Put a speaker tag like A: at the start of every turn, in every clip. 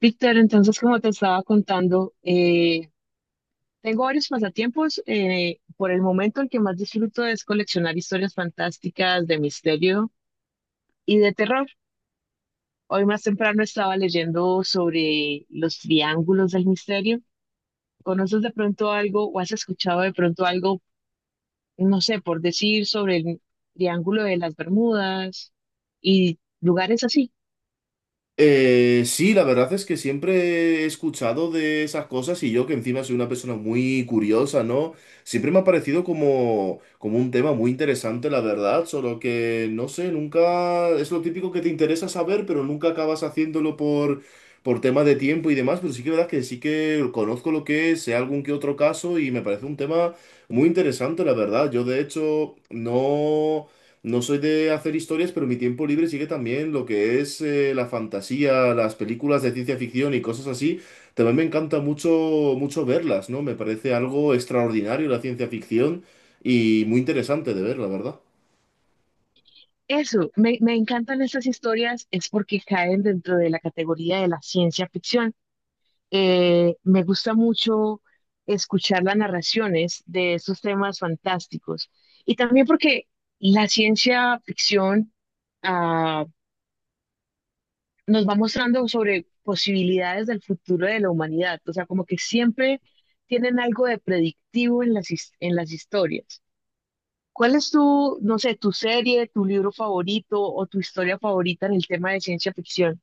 A: Víctor, entonces, como te estaba contando, tengo varios pasatiempos. Por el momento, el que más disfruto es coleccionar historias fantásticas de misterio y de terror. Hoy más temprano estaba leyendo sobre los triángulos del misterio. ¿Conoces de pronto algo o has escuchado de pronto algo, no sé, por decir sobre el triángulo de las Bermudas y lugares así?
B: Sí, la verdad es que siempre he escuchado de esas cosas y yo que encima soy una persona muy curiosa, ¿no? Siempre me ha parecido como un tema muy interesante, la verdad, solo que no sé, nunca es lo típico que te interesa saber, pero nunca acabas haciéndolo por tema de tiempo y demás, pero sí que es verdad que sí que conozco lo que es, sé algún que otro caso y me parece un tema muy interesante, la verdad. Yo de hecho no... No soy de hacer historias, pero mi tiempo libre sigue también lo que es la fantasía, las películas de ciencia ficción y cosas así. También me encanta mucho verlas, ¿no? Me parece algo extraordinario la ciencia ficción y muy interesante de ver, la verdad.
A: Eso, me encantan estas historias, es porque caen dentro de la categoría de la ciencia ficción. Me gusta mucho escuchar las narraciones de estos temas fantásticos y también porque la ciencia ficción ah, nos va mostrando sobre posibilidades del futuro de la humanidad, o sea, como que siempre tienen algo de predictivo en en las historias. ¿Cuál es tu, no sé, tu serie, tu libro favorito o tu historia favorita en el tema de ciencia ficción?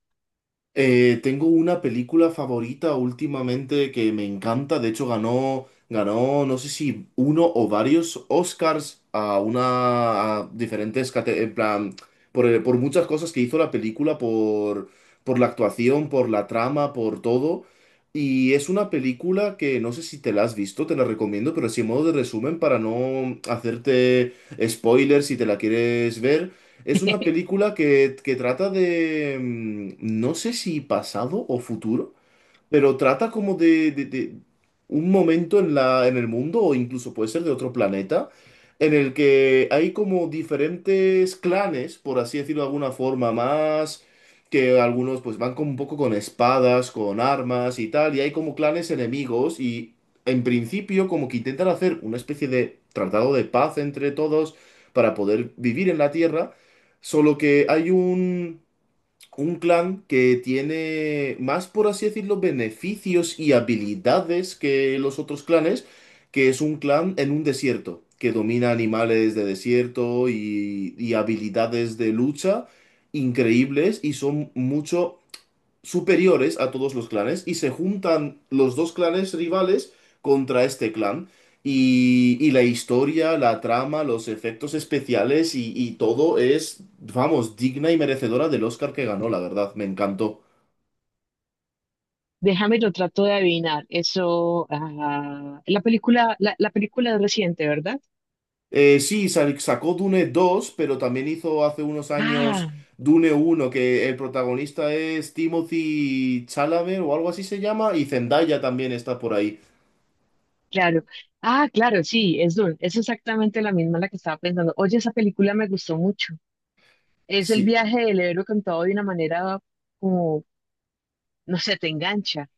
B: Tengo una película favorita últimamente que me encanta. De hecho, ganó, no sé si uno o varios Oscars a una, a diferentes, en plan, por muchas cosas que hizo la película, por la actuación, por la trama, por todo. Y es una película que no sé si te la has visto, te la recomiendo, pero así en modo de resumen para no hacerte spoilers si te la quieres ver. Es una película que trata de, no sé si pasado o futuro, pero trata como de un momento en en el mundo, o incluso puede ser de otro planeta, en el que hay como diferentes clanes, por así decirlo de alguna forma, más que algunos pues van como un poco con espadas, con armas y tal, y hay como clanes enemigos y en principio como que intentan hacer una especie de tratado de paz entre todos para poder vivir en la Tierra, solo que hay un clan que tiene más, por así decirlo, beneficios y habilidades que los otros clanes, que es un clan en un desierto, que domina animales de desierto y habilidades de lucha increíbles y son mucho superiores a todos los clanes y se juntan los dos clanes rivales contra este clan. Y la historia, la trama, los efectos especiales y todo es, vamos, digna y merecedora del Oscar que ganó, la verdad, me encantó.
A: Déjame, lo trato de adivinar. Eso, ah, la película, la película es reciente, ¿verdad?
B: Sí, sa- Sacó Dune 2, pero también hizo hace unos
A: Ah,
B: años Dune 1, que el protagonista es Timothy Chalamet o algo así se llama, y Zendaya también está por ahí.
A: claro. Ah, claro, sí, es Dune. Es exactamente la misma la que estaba pensando. Oye, esa película me gustó mucho. Es el
B: Sí,
A: viaje del héroe contado de una manera como, no sé, te engancha.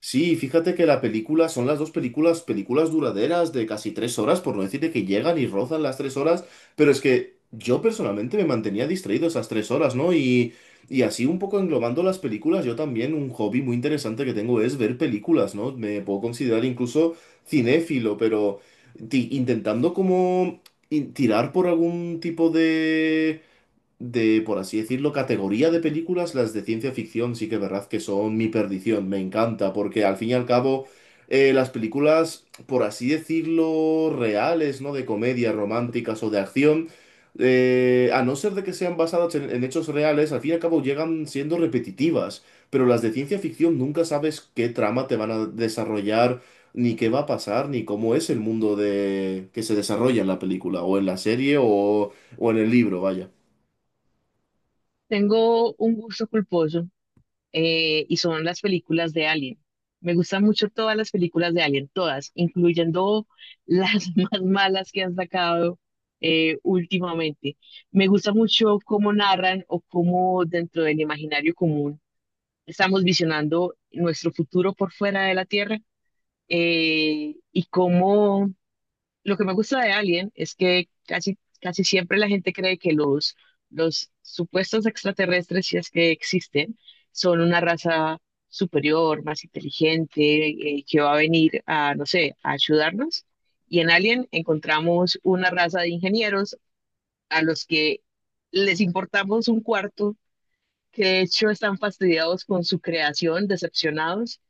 B: Sí, fíjate que la película son las dos películas, películas duraderas de casi 3 horas, por no decir de que llegan y rozan las 3 horas, pero es que yo personalmente me mantenía distraído esas 3 horas, ¿no? Y así un poco englobando las películas, yo también un hobby muy interesante que tengo es ver películas, ¿no? Me puedo considerar incluso cinéfilo, pero intentando como tirar por algún tipo de, por así decirlo, categoría de películas, las de ciencia ficción sí que es verdad que son mi perdición, me encanta, porque al fin y al cabo las películas, por así decirlo, reales, ¿no? De comedia, románticas o de acción, a no ser de que sean basadas en hechos reales, al fin y al cabo llegan siendo repetitivas, pero las de ciencia ficción nunca sabes qué trama te van a desarrollar. Ni qué va a pasar, ni cómo es el mundo de que se desarrolla en la película, o en la serie, o en el libro, vaya.
A: Tengo un gusto culposo y son las películas de Alien. Me gustan mucho todas las películas de Alien, todas, incluyendo las más malas que han sacado últimamente. Me gusta mucho cómo narran o cómo dentro del imaginario común estamos visionando nuestro futuro por fuera de la Tierra y cómo lo que me gusta de Alien es que casi, casi siempre la gente cree que los supuestos extraterrestres, si es que existen, son una raza superior, más inteligente, que va a venir a, no sé, a ayudarnos. Y en Alien encontramos una raza de ingenieros a los que les importamos un cuarto, que de hecho están fastidiados con su creación, decepcionados,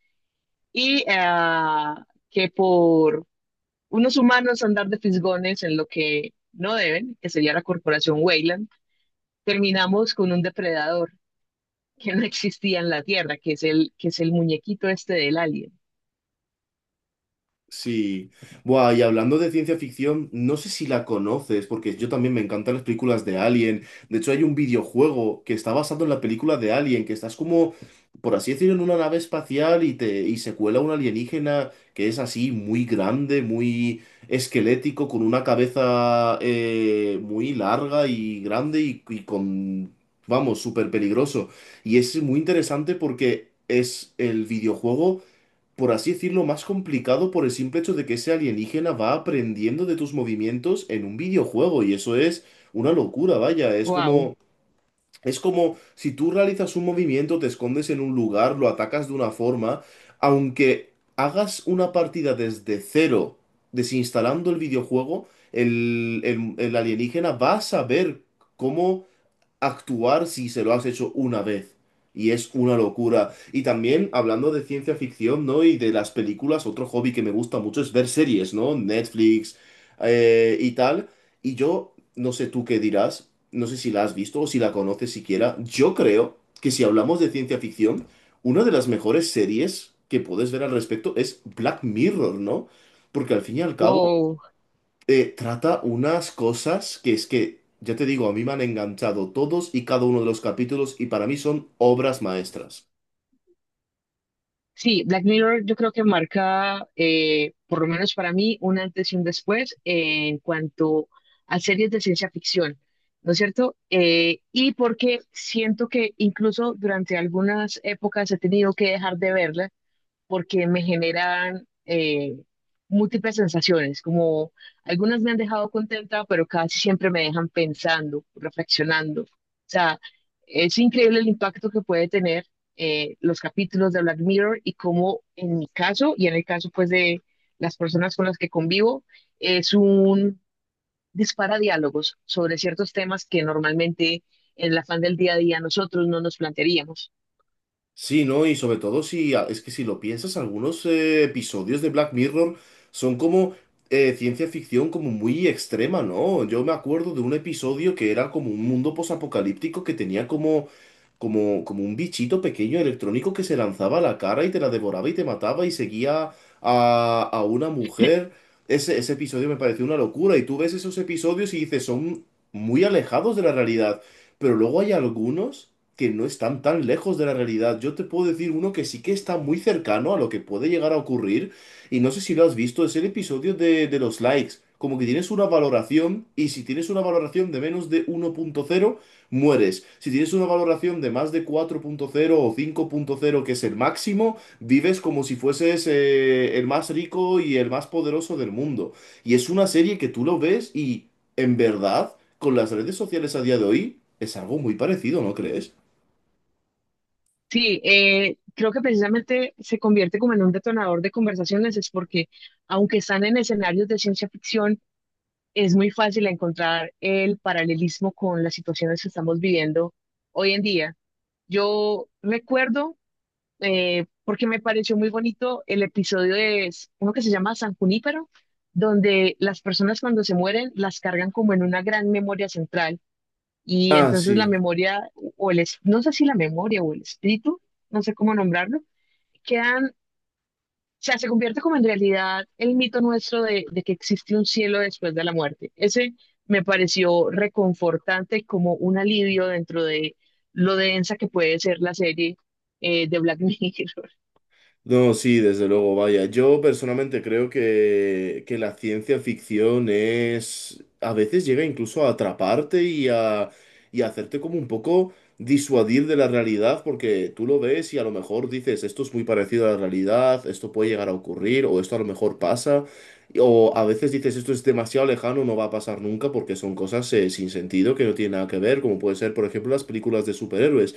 A: y que por unos humanos andar de fisgones en lo que no deben, que sería la corporación Weyland, terminamos con un depredador que no existía en la Tierra, que es el muñequito este del alien.
B: Sí. Buah, y hablando de ciencia ficción, no sé si la conoces, porque yo también me encantan las películas de Alien. De hecho, hay un videojuego que está basado en la película de Alien, que estás como, por así decirlo, en una nave espacial y te y se cuela un alienígena que es así muy grande, muy esquelético, con una cabeza muy larga y grande y con, vamos, súper peligroso. Y es muy interesante porque es el videojuego, por así decirlo, más complicado por el simple hecho de que ese alienígena va aprendiendo de tus movimientos en un videojuego y eso es una locura, vaya, es
A: Wow,
B: como... Es como si tú realizas un movimiento, te escondes en un lugar, lo atacas de una forma, aunque hagas una partida desde cero, desinstalando el videojuego, el alienígena va a saber cómo actuar si se lo has hecho una vez. Y es una locura. Y también, hablando de ciencia ficción, ¿no? Y de las películas, otro hobby que me gusta mucho es ver series, ¿no? Netflix y tal. Y yo, no sé tú qué dirás, no sé si la has visto o si la conoces siquiera. Yo creo que si hablamos de ciencia ficción, una de las mejores series que puedes ver al respecto es Black Mirror, ¿no? Porque al fin y al cabo
A: wow.
B: trata unas cosas que es que, ya te digo, a mí me han enganchado todos y cada uno de los capítulos y para mí son obras maestras.
A: Sí, Black Mirror yo creo que marca, por lo menos para mí, un antes y un después en cuanto a series de ciencia ficción, ¿no es cierto? Y porque siento que incluso durante algunas épocas he tenido que dejar de verla porque me generan múltiples sensaciones, como algunas me han dejado contenta, pero casi siempre me dejan pensando, reflexionando. O sea, es increíble el impacto que puede tener los capítulos de Black Mirror y cómo en mi caso y en el caso pues de las personas con las que convivo, es un dispara diálogos sobre ciertos temas que normalmente en el afán del día a día nosotros no nos plantearíamos.
B: Sí, ¿no? Y sobre todo es que si lo piensas, algunos episodios de Black Mirror son como ciencia ficción como muy extrema, ¿no? Yo me acuerdo de un episodio que era como un mundo posapocalíptico que tenía como un bichito pequeño electrónico que se lanzaba a la cara y te la devoraba y te mataba y seguía a una mujer. Ese episodio me pareció una locura. Y tú ves esos episodios y dices, son muy alejados de la realidad. Pero luego hay algunos que no están tan lejos de la realidad. Yo te puedo decir uno que sí que está muy cercano a lo que puede llegar a ocurrir, y no sé si lo has visto, es el episodio de los likes. Como que tienes una valoración, y si tienes una valoración de menos de 1.0 mueres. Si tienes una valoración de más de 4.0 o 5.0, que es el máximo, vives como si fueses el más rico y el más poderoso del mundo. Y es una serie que tú lo ves y, en verdad, con las redes sociales a día de hoy, es algo muy parecido, ¿no crees?
A: Sí, creo que precisamente se convierte como en un detonador de conversaciones, es porque aunque están en escenarios de ciencia ficción, es muy fácil encontrar el paralelismo con las situaciones que estamos viviendo hoy en día. Yo recuerdo, porque me pareció muy bonito, el episodio de uno que se llama San Junípero, donde las personas cuando se mueren las cargan como en una gran memoria central y
B: Ah,
A: entonces la
B: sí.
A: memoria o no sé si la memoria o el espíritu, no sé cómo nombrarlo quedan, o sea, se convierte como en realidad el mito nuestro de que existe un cielo después de la muerte. Ese me pareció reconfortante como un alivio dentro de lo densa que puede ser la serie de Black Mirror.
B: No, sí, desde luego, vaya. Yo personalmente creo que la ciencia ficción es... A veces llega incluso a atraparte y y a hacerte como un poco disuadir de la realidad, porque tú lo ves y a lo mejor dices, esto es muy parecido a la realidad, esto puede llegar a ocurrir, o esto a lo mejor pasa, o a veces dices, esto es demasiado lejano, no va a pasar nunca, porque son cosas sin sentido, que no tienen nada que ver, como puede ser, por ejemplo, las películas de superhéroes.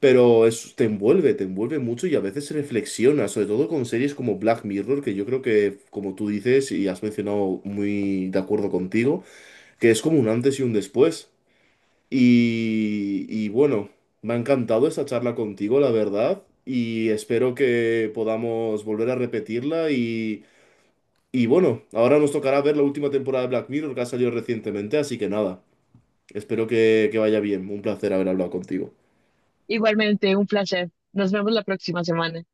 B: Pero es, te envuelve mucho y a veces reflexiona, sobre todo con series como Black Mirror, que yo creo que, como tú dices y has mencionado muy de acuerdo contigo, que es como un antes y un después. Y bueno, me ha encantado esta charla contigo, la verdad, y espero que podamos volver a repetirla. Y bueno, ahora nos tocará ver la última temporada de Black Mirror que ha salido recientemente, así que nada, espero que vaya bien. Un placer haber hablado contigo.
A: Igualmente, un placer. Nos vemos la próxima semana.